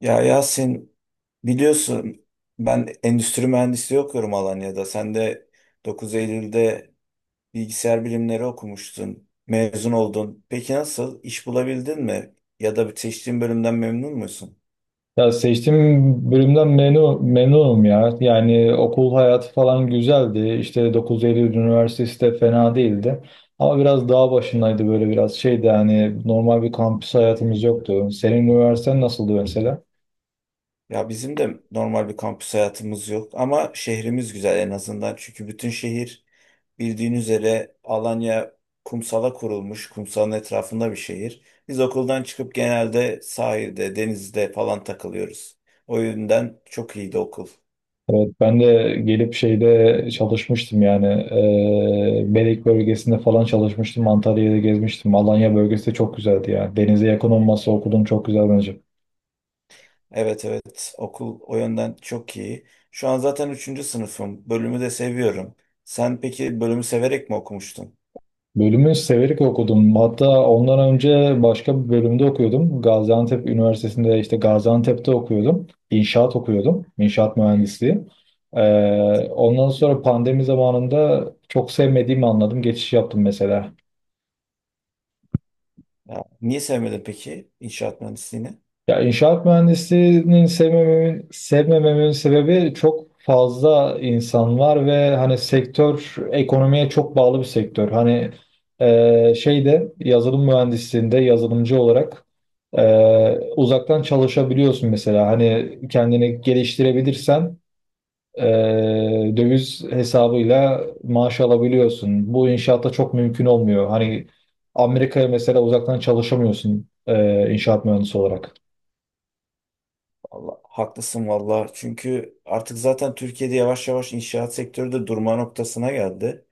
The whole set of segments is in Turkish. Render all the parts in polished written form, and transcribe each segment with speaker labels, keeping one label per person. Speaker 1: Ya Yasin, biliyorsun, ben endüstri mühendisliği okuyorum Alanya'da. Sen de 9 Eylül'de bilgisayar bilimleri okumuştun. Mezun oldun. Peki nasıl? İş bulabildin mi? Ya da seçtiğin bölümden memnun musun?
Speaker 2: Ya seçtiğim bölümden memnunum ya. Yani okul hayatı falan güzeldi. İşte dokuz Eylül Üniversitesi de fena değildi. Ama biraz dağ başındaydı böyle biraz şeydi yani normal bir kampüs hayatımız yoktu. Senin üniversiten nasıldı mesela?
Speaker 1: Ya bizim de normal bir kampüs hayatımız yok ama şehrimiz güzel en azından. Çünkü bütün şehir, bildiğin üzere, Alanya kumsala kurulmuş, kumsalın etrafında bir şehir. Biz okuldan çıkıp genelde sahilde, denizde falan takılıyoruz. O yönden çok iyiydi okul.
Speaker 2: Evet, ben de gelip şeyde çalışmıştım yani Belek bölgesinde falan çalışmıştım. Antalya'da gezmiştim. Alanya bölgesi de çok güzeldi ya. Denize yakın olması okudum çok güzel bence.
Speaker 1: Evet evet, okul o yönden çok iyi. Şu an zaten üçüncü sınıfım. Bölümü de seviyorum. Sen peki bölümü severek mi okumuştun?
Speaker 2: Bölümü severek okudum. Hatta ondan önce başka bir bölümde okuyordum. Gaziantep Üniversitesi'nde işte Gaziantep'te okuyordum. İnşaat okuyordum. İnşaat mühendisliği. E, Ondan sonra pandemi zamanında çok sevmediğimi anladım. Geçiş yaptım mesela.
Speaker 1: Ya, niye sevmedin peki inşaat mühendisliğini?
Speaker 2: Ya inşaat mühendisliğinin sevmememin sebebi çok fazla insan var ve hani sektör ekonomiye çok bağlı bir sektör. Hani şeyde yazılım mühendisliğinde yazılımcı olarak uzaktan çalışabiliyorsun mesela. Hani kendini geliştirebilirsen e, döviz hesabıyla maaş alabiliyorsun. Bu inşaatta çok mümkün olmuyor. Hani Amerika'ya mesela uzaktan çalışamıyorsun inşaat mühendisi olarak.
Speaker 1: Allah, haklısın valla. Çünkü artık zaten Türkiye'de yavaş yavaş inşaat sektörü de durma noktasına geldi.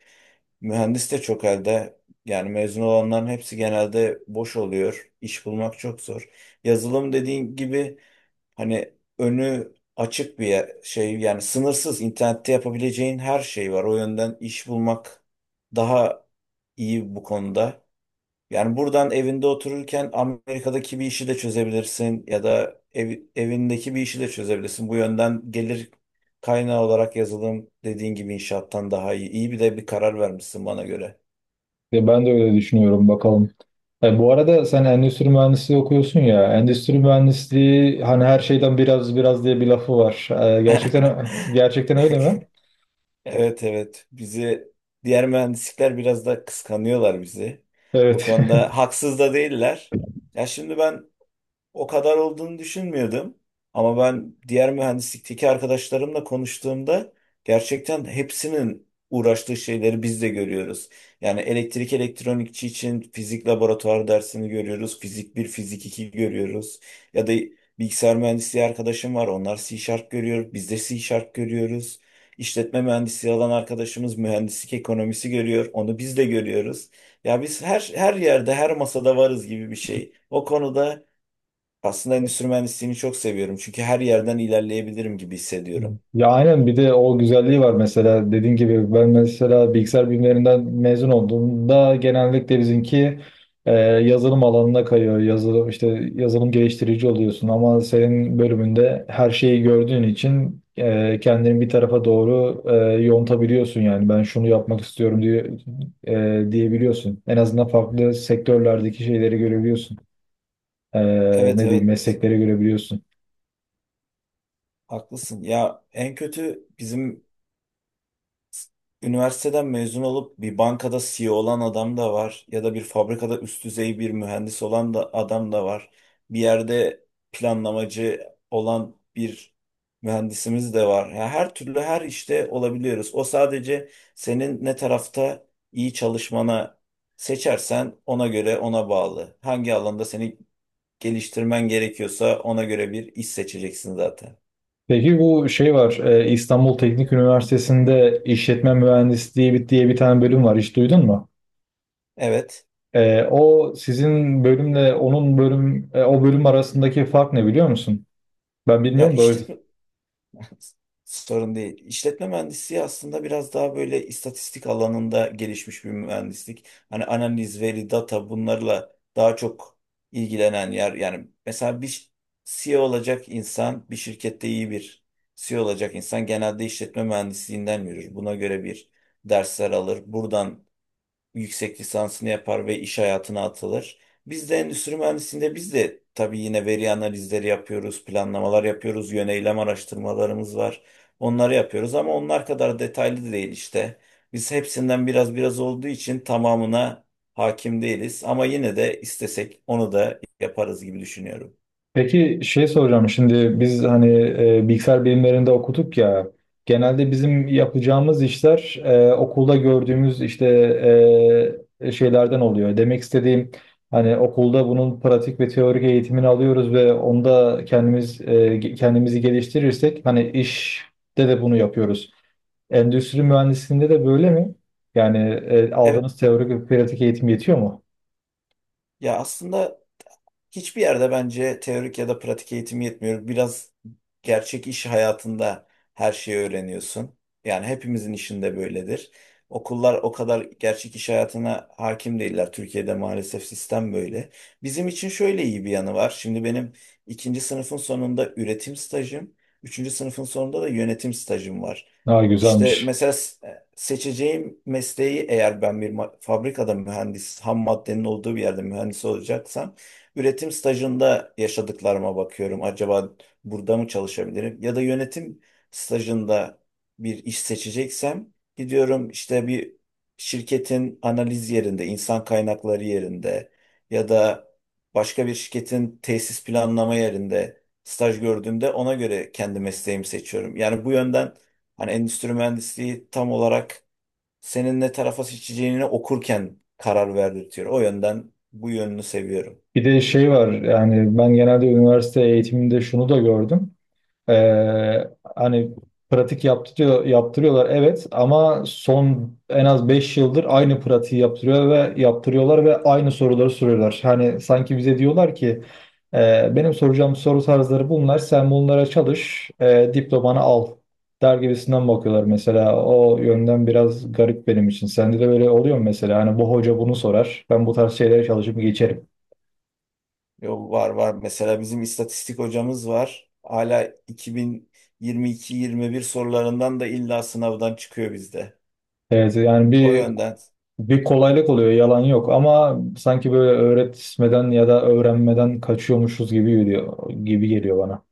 Speaker 1: Mühendis de çok elde. Yani mezun olanların hepsi genelde boş oluyor. İş bulmak çok zor. Yazılım dediğin gibi, hani, önü açık bir yani sınırsız, internette yapabileceğin her şey var. O yönden iş bulmak daha iyi bu konuda. Yani buradan evinde otururken Amerika'daki bir işi de çözebilirsin ya da evindeki bir işi de çözebilirsin. Bu yönden gelir kaynağı olarak yazılım dediğin gibi inşaattan daha iyi. İyi bir de bir karar vermişsin bana göre.
Speaker 2: Ya ben de öyle düşünüyorum bakalım. Bu arada sen endüstri mühendisliği okuyorsun ya. Endüstri mühendisliği hani her şeyden biraz biraz diye bir lafı var. Gerçekten öyle mi?
Speaker 1: Evet evet, bizi diğer mühendislikler biraz da kıskanıyorlar bizi. Bu
Speaker 2: Evet.
Speaker 1: konuda haksız da değiller. Ya şimdi ben o kadar olduğunu düşünmüyordum. Ama ben diğer mühendislikteki arkadaşlarımla konuştuğumda gerçekten hepsinin uğraştığı şeyleri biz de görüyoruz. Yani elektrik elektronikçi için fizik laboratuvar dersini görüyoruz. Fizik bir, fizik 2 görüyoruz. Ya da bilgisayar mühendisliği arkadaşım var. Onlar C görüyor. Biz de C görüyoruz. İşletme mühendisliği alan arkadaşımız mühendislik ekonomisi görüyor. Onu biz de görüyoruz. Ya biz her yerde, her masada varız gibi bir şey. O konuda aslında endüstri mühendisliğini çok seviyorum. Çünkü her yerden ilerleyebilirim gibi hissediyorum.
Speaker 2: Ya aynen bir de o güzelliği var mesela dediğin gibi ben mesela bilgisayar bilimlerinden mezun olduğumda genellikle bizimki yazılım alanına kayıyor. Yazılım işte yazılım geliştirici oluyorsun ama senin bölümünde her şeyi gördüğün için kendini bir tarafa doğru yontabiliyorsun yani ben şunu yapmak istiyorum diye diyebiliyorsun. En azından farklı sektörlerdeki şeyleri görebiliyorsun. E,
Speaker 1: Evet
Speaker 2: Ne diyeyim
Speaker 1: evet,
Speaker 2: meslekleri görebiliyorsun.
Speaker 1: haklısın. Ya en kötü bizim s- üniversiteden mezun olup bir bankada CEO olan adam da var. Ya da bir fabrikada üst düzey bir mühendis olan da adam da var. Bir yerde planlamacı olan bir mühendisimiz de var. Ya her türlü her işte olabiliyoruz. O sadece senin ne tarafta iyi çalışmana, seçersen ona göre, ona bağlı. Hangi alanda seni geliştirmen gerekiyorsa ona göre bir iş seçeceksin zaten.
Speaker 2: Peki bu şey var, İstanbul Teknik Üniversitesi'nde işletme mühendisliği diye bir tane bölüm var. Hiç duydun mu?
Speaker 1: Evet.
Speaker 2: O sizin bölümle onun o bölüm arasındaki fark ne biliyor musun? Ben
Speaker 1: Ya
Speaker 2: bilmiyorum da o
Speaker 1: işletme…
Speaker 2: yüzden.
Speaker 1: sorun değil. İşletme mühendisliği aslında biraz daha böyle istatistik alanında gelişmiş bir mühendislik. Hani analiz, veri, data, bunlarla daha çok ilgilenen yer. Yani mesela bir CEO olacak insan, bir şirkette iyi bir CEO olacak insan genelde işletme mühendisliğinden yürür. Buna göre bir dersler alır. Buradan yüksek lisansını yapar ve iş hayatına atılır. Biz de endüstri mühendisliğinde, biz de tabii yine veri analizleri yapıyoruz, planlamalar yapıyoruz, yöneylem araştırmalarımız var. Onları yapıyoruz ama onlar kadar detaylı değil işte. Biz hepsinden biraz biraz olduğu için tamamına hakim değiliz ama yine de istesek onu da yaparız gibi düşünüyorum.
Speaker 2: Peki şey soracağım şimdi biz hani bilgisayar bilimlerinde okuduk ya genelde bizim yapacağımız işler okulda gördüğümüz işte şeylerden oluyor. Demek istediğim hani okulda bunun pratik ve teorik eğitimini alıyoruz ve onda kendimizi geliştirirsek hani işte de bunu yapıyoruz. Endüstri mühendisliğinde de böyle mi? Yani
Speaker 1: Evet,
Speaker 2: aldığınız teorik ve pratik eğitim yetiyor mu?
Speaker 1: ya aslında hiçbir yerde bence teorik ya da pratik eğitim yetmiyor. Biraz gerçek iş hayatında her şeyi öğreniyorsun. Yani hepimizin işinde böyledir. Okullar o kadar gerçek iş hayatına hakim değiller. Türkiye'de maalesef sistem böyle. Bizim için şöyle iyi bir yanı var. Şimdi benim ikinci sınıfın sonunda üretim stajım, üçüncü sınıfın sonunda da yönetim stajım var.
Speaker 2: Daha
Speaker 1: İşte
Speaker 2: güzelmiş.
Speaker 1: mesela seçeceğim mesleği, eğer ben bir fabrikada mühendis, ham maddenin olduğu bir yerde mühendis olacaksam, üretim stajında yaşadıklarıma bakıyorum. Acaba burada mı çalışabilirim? Ya da yönetim stajında bir iş seçeceksem, gidiyorum işte bir şirketin analiz yerinde, insan kaynakları yerinde ya da başka bir şirketin tesis planlama yerinde staj gördüğümde ona göre kendi mesleğimi seçiyorum. Yani bu yönden hani endüstri mühendisliği tam olarak senin ne tarafa seçeceğini okurken karar verdirtiyor. O yönden bu yönünü seviyorum.
Speaker 2: Bir de şey var yani ben genelde üniversite eğitiminde şunu da gördüm. Ee, Hani pratik yaptırıyorlar evet ama son en az 5 yıldır aynı pratiği yaptırıyor ve yaptırıyorlar ve aynı soruları soruyorlar. Hani sanki bize diyorlar ki " Benim soracağım soru tarzları bunlar sen bunlara çalış diplomanı al der gibisinden bakıyorlar mesela o yönden biraz garip benim için. Sende de böyle oluyor mu mesela hani bu hoca bunu sorar ben bu tarz şeylere çalışıp geçerim.
Speaker 1: Yo, var var. Mesela bizim istatistik hocamız var. Hala 2022-21 sorularından da illa sınavdan çıkıyor bizde.
Speaker 2: Evet yani
Speaker 1: O
Speaker 2: bir.
Speaker 1: yönden.
Speaker 2: Bir kolaylık oluyor, yalan yok ama sanki böyle öğretmeden ya da öğrenmeden kaçıyormuşuz gibi gibi geliyor bana.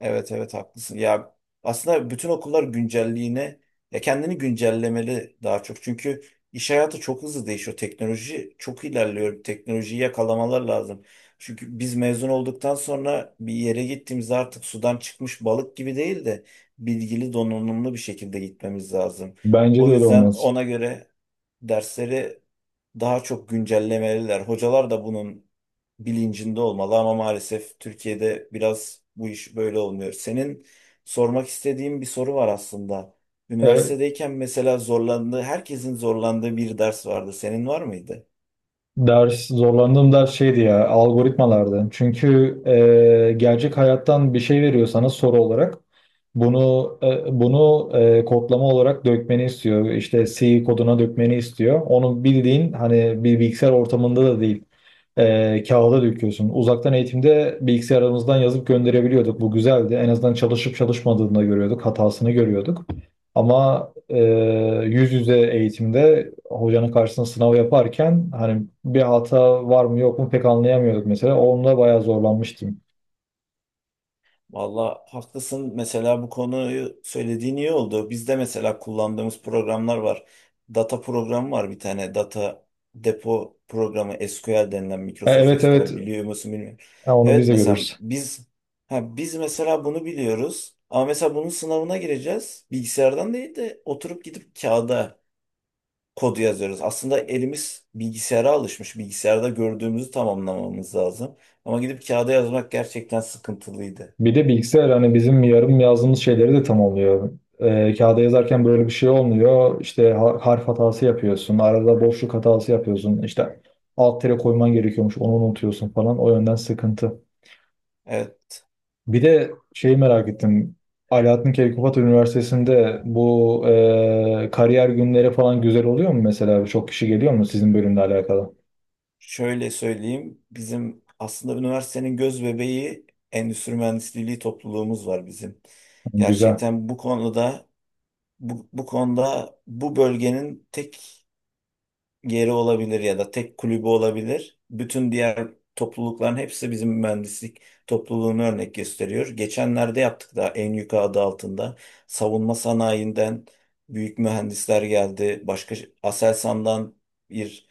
Speaker 1: Evet evet, haklısın. Ya aslında bütün okullar güncelliğine, ya kendini güncellemeli daha çok. Çünkü iş hayatı çok hızlı değişiyor. Teknoloji çok ilerliyor. Teknolojiyi yakalamalar lazım. Çünkü biz mezun olduktan sonra bir yere gittiğimizde artık sudan çıkmış balık gibi değil de bilgili, donanımlı bir şekilde gitmemiz lazım.
Speaker 2: Bence
Speaker 1: O
Speaker 2: de öyle
Speaker 1: yüzden
Speaker 2: olmaz.
Speaker 1: ona göre dersleri daha çok güncellemeliler. Hocalar da bunun bilincinde olmalı ama maalesef Türkiye'de biraz bu iş böyle olmuyor. Senin, sormak istediğim bir soru var aslında.
Speaker 2: E,
Speaker 1: Üniversitedeyken mesela zorlandığı, herkesin zorlandığı bir ders vardı. Senin var mıydı?
Speaker 2: Zorlandığım ders şeydi ya algoritmalardı. Çünkü gerçek hayattan bir şey veriyor sana soru olarak. Bunu kodlama olarak dökmeni istiyor. İşte C koduna dökmeni istiyor. Onu bildiğin hani bir bilgisayar ortamında da değil. Kağıda döküyorsun. Uzaktan eğitimde bilgisayarımızdan yazıp gönderebiliyorduk. Bu güzeldi. En azından çalışıp çalışmadığını da görüyorduk. Hatasını görüyorduk. Ama e, yüz yüze eğitimde hocanın karşısında sınav yaparken hani bir hata var mı yok mu pek anlayamıyorduk mesela. Onunla bayağı zorlanmıştım.
Speaker 1: Valla haklısın. Mesela bu konuyu söylediğin iyi oldu. Bizde mesela kullandığımız programlar var. Data programı var bir tane. Data depo programı SQL denilen, Microsoft
Speaker 2: Evet, evet.
Speaker 1: SQL, biliyor musun bilmiyorum.
Speaker 2: Ha, onu biz
Speaker 1: Evet,
Speaker 2: de
Speaker 1: mesela
Speaker 2: görürüz.
Speaker 1: biz, ha, biz mesela bunu biliyoruz. Ama mesela bunun sınavına gireceğiz. Bilgisayardan değil de oturup gidip kağıda kodu yazıyoruz. Aslında elimiz bilgisayara alışmış. Bilgisayarda gördüğümüzü tamamlamamız lazım. Ama gidip kağıda yazmak gerçekten sıkıntılıydı.
Speaker 2: Bir de bilgisayar hani bizim yarım yazdığımız şeyleri de tamamlıyor. Kağıda yazarken böyle bir şey olmuyor. İşte harf hatası yapıyorsun. Arada boşluk hatası yapıyorsun. İşte alt tere koyman gerekiyormuş. Onu unutuyorsun falan. O yönden sıkıntı.
Speaker 1: Evet.
Speaker 2: Bir de şeyi merak ettim. Alaaddin Keykubat Üniversitesi'nde bu kariyer günleri falan güzel oluyor mu mesela? Çok kişi geliyor mu sizin bölümle alakalı?
Speaker 1: Şöyle söyleyeyim, bizim aslında üniversitenin göz bebeği endüstri mühendisliği topluluğumuz var bizim.
Speaker 2: Güzel.
Speaker 1: Gerçekten bu konuda, bu konuda bu bölgenin tek yeri olabilir ya da tek kulübü olabilir. Bütün diğer toplulukların hepsi bizim mühendislik topluluğunu örnek gösteriyor. Geçenlerde yaptık da en yukarı adı altında savunma sanayinden büyük mühendisler geldi. Başka Aselsan'dan bir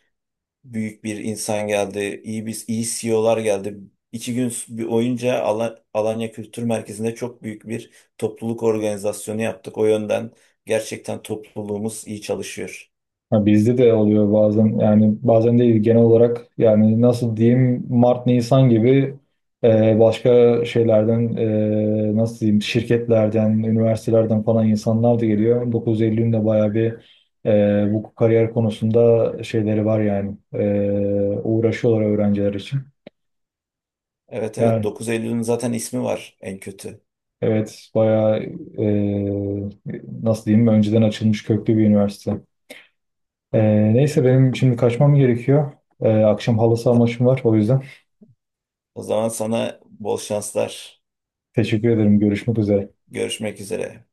Speaker 1: büyük bir insan geldi, iyi bir iyi CEO'lar geldi. İki gün bir boyunca Alanya Kültür Merkezi'nde çok büyük bir topluluk organizasyonu yaptık. O yönden gerçekten topluluğumuz iyi çalışıyor.
Speaker 2: Ha, bizde de oluyor bazen yani bazen değil genel olarak yani nasıl diyeyim Mart Nisan gibi başka nasıl diyeyim şirketlerden üniversitelerden falan insanlar da geliyor. 9 Eylül'ün de bayağı bir bu kariyer konusunda şeyleri var yani uğraşıyorlar öğrenciler için.
Speaker 1: Evet evet,
Speaker 2: Yani
Speaker 1: 9 Eylül'ün zaten ismi var en kötü.
Speaker 2: evet bayağı e, nasıl diyeyim önceden açılmış köklü bir üniversite. Neyse benim şimdi kaçmam gerekiyor. Akşam halı saha
Speaker 1: Ta-
Speaker 2: maçım var o yüzden.
Speaker 1: O zaman sana bol şanslar.
Speaker 2: Teşekkür ederim. Görüşmek üzere.
Speaker 1: Görüşmek üzere.